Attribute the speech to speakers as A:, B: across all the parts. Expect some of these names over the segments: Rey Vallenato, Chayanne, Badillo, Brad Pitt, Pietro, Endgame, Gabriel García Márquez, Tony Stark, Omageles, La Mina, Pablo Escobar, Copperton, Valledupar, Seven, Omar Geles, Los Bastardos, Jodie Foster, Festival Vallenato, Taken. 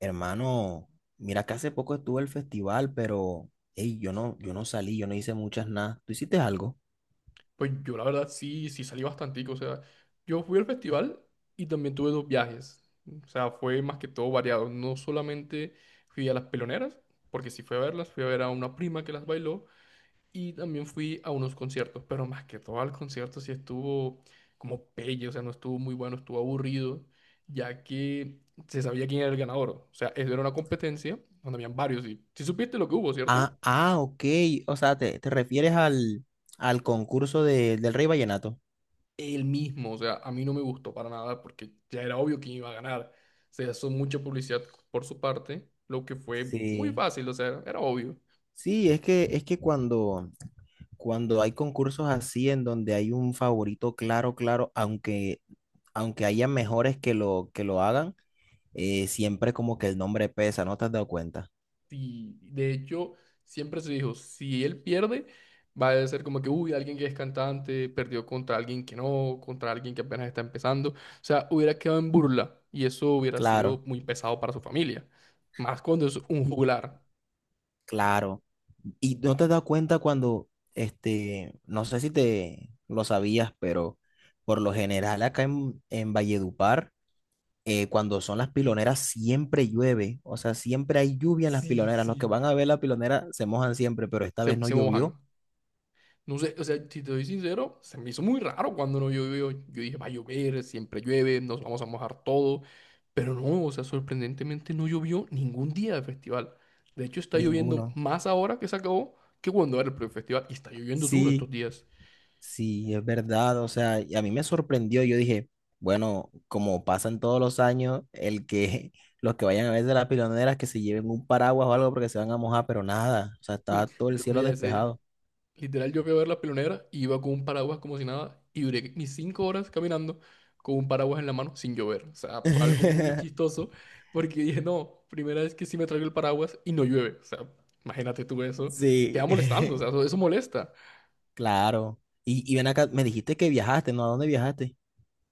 A: Hermano, mira que hace poco estuvo el festival, pero ey, yo no salí, yo no hice muchas nada. ¿Tú hiciste algo?
B: Pues yo la verdad sí, sí salí bastantico, o sea, yo fui al festival y también tuve dos viajes, o sea, fue más que todo variado, no solamente fui a las peloneras, porque sí fui a verlas, fui a ver a una prima que las bailó y también fui a unos conciertos, pero más que todo al concierto sí estuvo como pelle, o sea, no estuvo muy bueno, estuvo aburrido, ya que se sabía quién era el ganador, o sea, eso era una competencia donde habían varios y si supiste lo que hubo, ¿cierto?
A: Ah, ah, ok. O sea, te refieres al concurso del Rey Vallenato.
B: Él mismo. O sea, a mí no me gustó para nada porque ya era obvio quién iba a ganar. Se hizo mucha publicidad por su parte, lo que fue muy
A: Sí.
B: fácil, o sea, era obvio.
A: Sí, es que cuando, cuando hay concursos así en donde hay un favorito claro, claro, aunque, aunque haya mejores que lo hagan, siempre como que el nombre pesa, ¿no te has dado cuenta?
B: Y de hecho, siempre se dijo, si él pierde, va a ser como que, uy, alguien que es cantante perdió contra alguien que no, contra alguien que apenas está empezando. O sea, hubiera quedado en burla y eso hubiera sido
A: Claro,
B: muy pesado para su familia. Más cuando es un juglar.
A: claro. Y no te das cuenta cuando, no sé si te lo sabías, pero por lo general acá en Valledupar, cuando son las piloneras siempre llueve, o sea, siempre hay lluvia en las
B: Sí,
A: piloneras. Los que
B: sí.
A: van a ver la pilonera se mojan siempre, pero esta vez
B: Se,
A: no
B: se mojan.
A: llovió
B: No sé, o sea, si te soy sincero, se me hizo muy raro cuando no llovió. Yo dije, va a llover, siempre llueve, nos vamos a mojar todo. Pero no, o sea, sorprendentemente no llovió ningún día del festival. De hecho, está
A: ninguno.
B: lloviendo más ahora que se acabó que cuando era el primer festival. Y está lloviendo duro
A: Sí.
B: estos días.
A: Sí, es verdad, o sea, y a mí me sorprendió, yo dije, bueno, como pasan todos los años, el que los que vayan a ver de las piloneras que se lleven un paraguas o algo porque se van a mojar, pero nada, o sea, estaba todo el
B: Yo vi
A: cielo
B: ese,
A: despejado.
B: literal, yo fui a ver la pionera y iba con un paraguas como si nada y duré mis cinco horas caminando con un paraguas en la mano sin llover. O sea, fue algo muy chistoso porque dije, no, primera vez que sí me traigo el paraguas y no llueve. O sea, imagínate tú eso.
A: Sí,
B: Queda molestando, o sea, eso molesta.
A: claro. Y ven acá, me dijiste que viajaste, ¿no? ¿A dónde viajaste?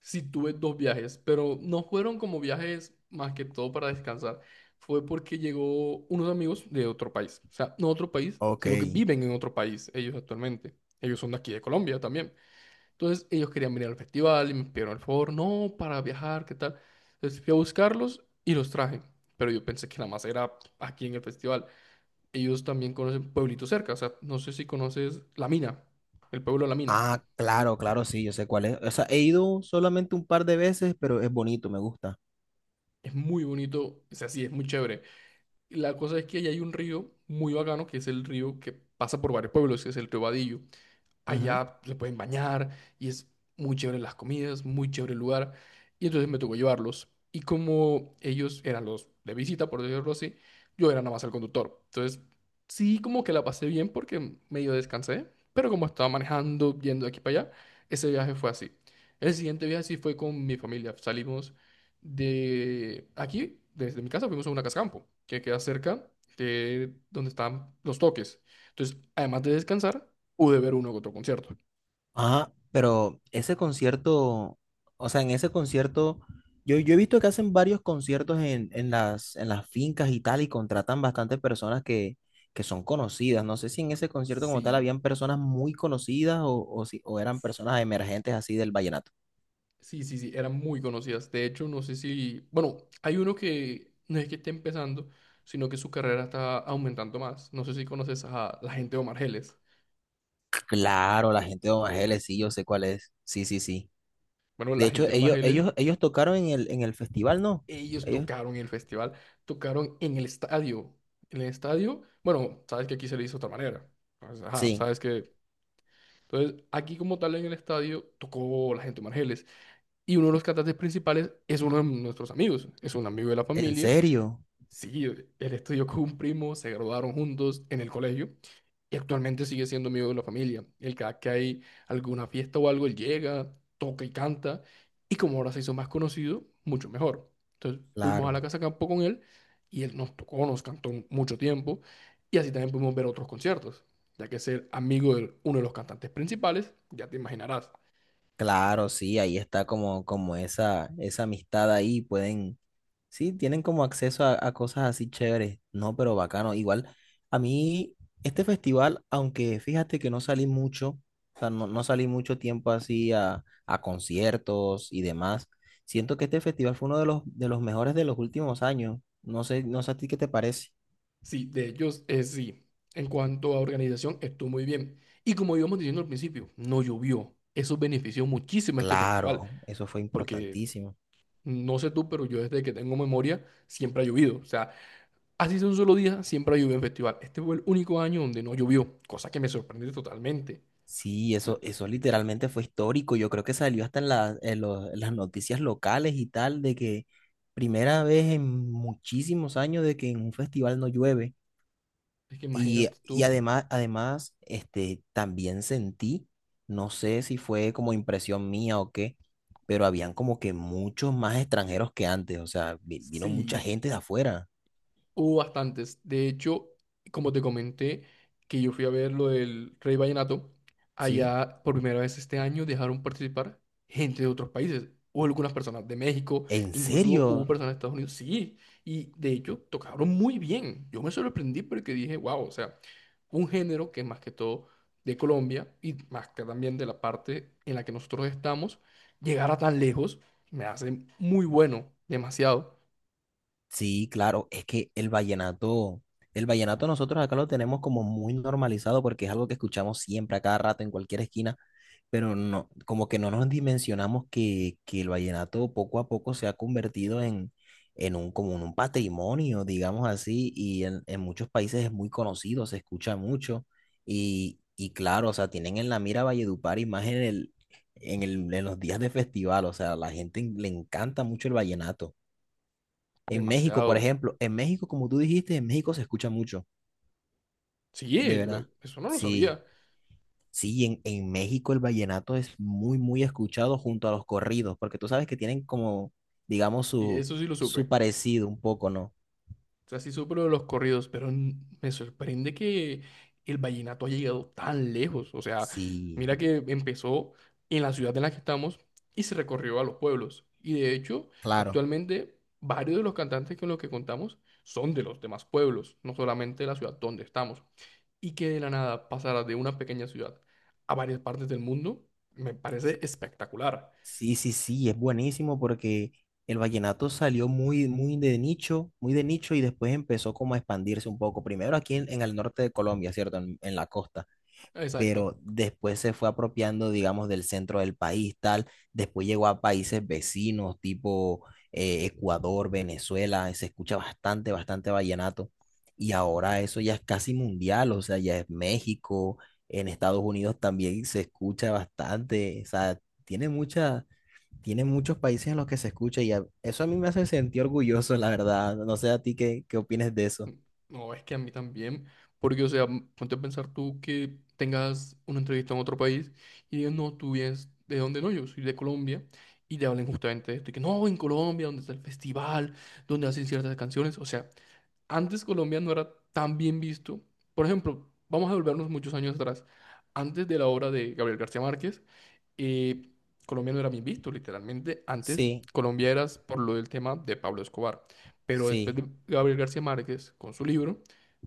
B: Sí tuve dos viajes, pero no fueron como viajes más que todo para descansar. Fue porque llegó unos amigos de otro país. O sea, no otro país,
A: Ok.
B: sino que viven en otro país ellos actualmente. Ellos son de aquí de Colombia también. Entonces ellos querían venir al festival y me pidieron el favor, no, para viajar, ¿qué tal? Entonces fui a buscarlos y los traje, pero yo pensé que nada más era aquí en el festival. Ellos también conocen pueblitos cerca, o sea, no sé si conoces La Mina, el pueblo de La Mina.
A: Ah, claro, claro, sí, yo sé cuál es. O sea, he ido solamente un par de veces, pero es bonito, me gusta.
B: Es muy bonito, es así, es muy chévere. Y la cosa es que ahí hay un río muy bacano, que es el río que pasa por varios pueblos, que es el río Badillo. Allá se pueden bañar y es muy chévere las comidas, muy chévere el lugar. Y entonces me tocó llevarlos. Y como ellos eran los de visita, por decirlo así, yo era nada más el conductor. Entonces, sí, como que la pasé bien porque medio descansé, pero como estaba manejando, yendo de aquí para allá, ese viaje fue así. El siguiente viaje sí fue con mi familia. Salimos de aquí, desde mi casa, fuimos a una casa campo que queda cerca de donde están los toques. Entonces, además de descansar, pude ver uno que otro concierto.
A: Ah, pero ese concierto, o sea, en ese concierto, yo he visto que hacen varios conciertos en las fincas y tal, y contratan bastantes personas que son conocidas. No sé si en ese concierto como tal
B: Sí,
A: habían personas muy conocidas o, si, o eran personas emergentes así del vallenato.
B: sí, sí, sí, eran muy conocidas. De hecho, no sé si, bueno, hay uno que no es que esté empezando, sino que su carrera está aumentando más. No sé si conoces a la gente de Omar Geles.
A: Claro, la gente de Omageles, sí, yo sé cuál es. Sí, sí, sí.
B: Bueno,
A: De
B: la
A: hecho,
B: gente de Omar
A: ellos,
B: Geles,
A: ellos, ellos tocaron en el festival, ¿no?
B: ellos
A: Ellos,
B: tocaron en el festival, tocaron en el estadio. En el estadio, bueno, sabes que aquí se le hizo de otra manera. Entonces, ajá,
A: sí,
B: sabes que... Entonces, aquí como tal en el estadio tocó la gente de Omar Geles. Y uno de los cantantes principales es uno de nuestros amigos, es un amigo de la
A: en
B: familia.
A: serio,
B: Sí, él estudió con un primo, se graduaron juntos en el colegio y actualmente sigue siendo amigo de la familia. Él cada que hay alguna fiesta o algo, él llega, toca y canta y como ahora se hizo más conocido, mucho mejor. Entonces fuimos a la
A: claro.
B: casa campo con él y él nos tocó, nos cantó mucho tiempo y así también pudimos ver otros conciertos, ya que ser amigo de uno de los cantantes principales, ya te imaginarás.
A: Claro, sí, ahí está como, como esa amistad ahí, pueden, sí, tienen como acceso a cosas así chéveres, no, pero bacano, igual, a mí, este festival, aunque fíjate que no salí mucho, o sea, no, no salí mucho tiempo así a conciertos y demás, siento que este festival fue uno de los mejores de los últimos años, no sé, no sé a ti qué te parece.
B: Sí, de ellos es sí. En cuanto a organización, estuvo muy bien. Y como íbamos diciendo al principio, no llovió. Eso benefició muchísimo a este festival,
A: Claro, eso fue
B: porque
A: importantísimo.
B: no sé tú, pero yo desde que tengo memoria siempre ha llovido. O sea, así sea un solo día, siempre ha llovido en festival. Este fue el único año donde no llovió, cosa que me sorprende totalmente.
A: Sí, eso literalmente fue histórico. Yo creo que salió hasta en, en en las noticias locales y tal, de que primera vez en muchísimos años de que en un festival no llueve.
B: Es que imagínate
A: Y
B: tú,
A: además, además, también sentí, no sé si fue como impresión mía o qué, pero habían como que muchos más extranjeros que antes. O sea, vino mucha
B: sí.
A: gente de afuera,
B: Hubo bastantes. De hecho, como te comenté, que yo fui a ver lo del Rey Vallenato,
A: ¿sí?
B: allá por primera vez este año dejaron participar gente de otros países. Hubo algunas personas de México,
A: En
B: incluso hubo
A: serio,
B: personas de Estados Unidos. Sí, y de hecho tocaron muy bien. Yo me sorprendí porque dije, wow, o sea, un género que más que todo de Colombia y más que también de la parte en la que nosotros estamos, llegar a tan lejos me hace muy bueno, demasiado,
A: sí, claro, es que el vallenato nosotros acá lo tenemos como muy normalizado porque es algo que escuchamos siempre a cada rato en cualquier esquina, pero no, como que no nos dimensionamos que el vallenato poco a poco se ha convertido en un, como en un patrimonio, digamos así, y en muchos países es muy conocido, se escucha mucho, y claro, o sea, tienen en la mira Valledupar y más en el, en el, en los días de festival, o sea, a la gente le encanta mucho el vallenato. En México, por
B: demasiado.
A: ejemplo, en México, como tú dijiste, en México se escucha mucho,
B: Sí,
A: de verdad.
B: eso no lo
A: Sí,
B: sabía.
A: sí, en México el vallenato es muy, muy escuchado junto a los corridos, porque tú sabes que tienen como, digamos,
B: Y
A: su,
B: eso sí lo
A: su
B: supe.
A: parecido un poco, ¿no?
B: O sea, sí supe lo de los corridos, pero me sorprende que el vallenato haya llegado tan lejos. O sea, mira
A: Sí,
B: que empezó en la ciudad en la que estamos y se recorrió a los pueblos. Y de hecho,
A: claro.
B: actualmente varios de los cantantes con los que contamos son de los demás pueblos, no solamente de la ciudad donde estamos. Y que de la nada pasara de una pequeña ciudad a varias partes del mundo, me parece espectacular.
A: Sí, sí, sí, es buenísimo porque el vallenato salió muy, muy de nicho y después empezó como a expandirse un poco. Primero aquí en el norte de Colombia, ¿cierto? En la costa.
B: Exacto.
A: Pero después se fue apropiando, digamos, del centro del país, tal, después llegó a países vecinos, tipo Ecuador, Venezuela, y se escucha bastante, bastante vallenato, y ahora eso ya es casi mundial, o sea, ya es México, en Estados Unidos también se escucha bastante, o sea, tiene mucha... Tiene muchos países en los que se escucha y eso a mí me hace sentir orgulloso, la verdad. No sé a ti qué, qué opinas de eso.
B: No, es que a mí también, porque, o sea, ponte a pensar tú que tengas una entrevista en otro país y digas, no, tú vienes de dónde no, yo soy de Colombia, y te hablen justamente de esto, y que no, en Colombia, donde está el festival, donde hacen ciertas canciones, o sea, antes Colombia no era tan bien visto. Por ejemplo, vamos a volvernos muchos años atrás, antes de la obra de Gabriel García Márquez, y Colombia no era bien visto, literalmente. Antes,
A: Sí,
B: Colombia era por lo del tema de Pablo Escobar. Pero después
A: sí,
B: de Gabriel García Márquez, con su libro,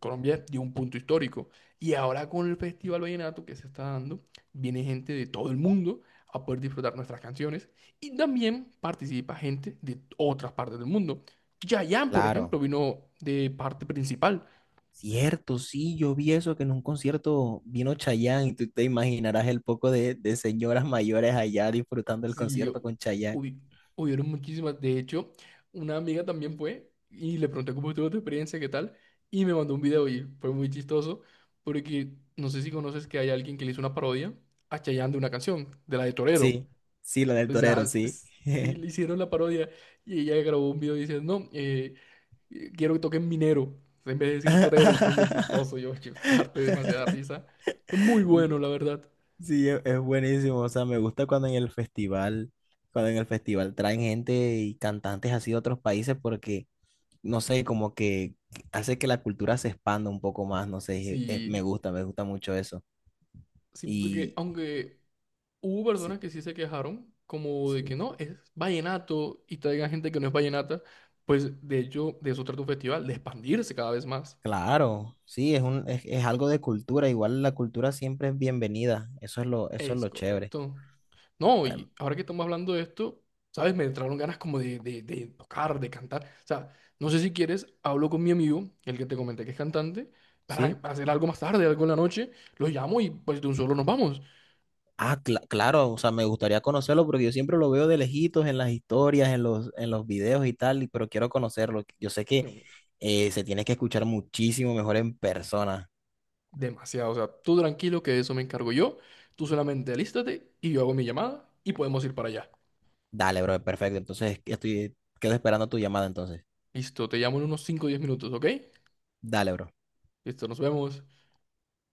B: Colombia dio un punto histórico. Y ahora con el Festival Vallenato que se está dando, viene gente de todo el mundo a poder disfrutar nuestras canciones. Y también participa gente de otras partes del mundo. Yayan, por
A: claro.
B: ejemplo, vino de parte principal.
A: Cierto, sí, yo vi eso, que en un concierto vino Chayanne y tú te imaginarás el poco de señoras mayores allá disfrutando el
B: Sí,
A: concierto con Chayanne.
B: hubi- hubieron muchísimas. De hecho, una amiga también fue y le pregunté cómo estuvo tu experiencia, qué tal, y me mandó un video y fue muy chistoso porque no sé si conoces que hay alguien que le hizo una parodia a Chayanne de una canción, de la de Torero.
A: Sí, sí, la del
B: O
A: torero,
B: sea,
A: sí.
B: sí, le hicieron la parodia y ella grabó un video diciendo, no, quiero que toquen Minero, en vez de decir Torero, y fue muy chistoso. Yo, yo harté demasiada risa. Fue muy bueno, la verdad.
A: Sí, es buenísimo, o sea, me gusta cuando en el festival, cuando en el festival traen gente y cantantes así de otros países porque, no sé, como que hace que la cultura se expanda un poco más, no sé,
B: Sí,
A: me gusta mucho eso.
B: sí, porque
A: Y
B: aunque... Hubo
A: sí,
B: personas que sí se quejaron, como de que
A: sí.
B: no, es vallenato y traigan gente que no es vallenata, pues de hecho de eso trata un festival, de expandirse cada vez más.
A: Claro, sí, es un, es algo de cultura. Igual la cultura siempre es bienvenida. Eso es
B: Es
A: lo chévere.
B: correcto. No,
A: Am-
B: y ahora que estamos hablando de esto, ¿sabes? Me entraron ganas como de tocar, de cantar. O sea, no sé si quieres, hablo con mi amigo, el que te comenté que es cantante, para,
A: ¿Sí?
B: para hacer algo más tarde, algo en la noche, lo llamo y pues de un solo nos vamos.
A: Ah, claro, o sea, me gustaría conocerlo porque yo siempre lo veo de lejitos en las historias, en los videos y tal, y- pero quiero conocerlo. Yo sé que se tiene que escuchar muchísimo mejor en persona.
B: Demasiado. O sea, tú tranquilo que de eso me encargo yo. Tú solamente alístate y yo hago mi llamada y podemos ir para allá.
A: Dale, bro, perfecto. Entonces, estoy, quedo esperando tu llamada entonces.
B: Listo, te llamo en unos 5 o 10 minutos, ¿ok?
A: Dale, bro.
B: Listo, nos vemos.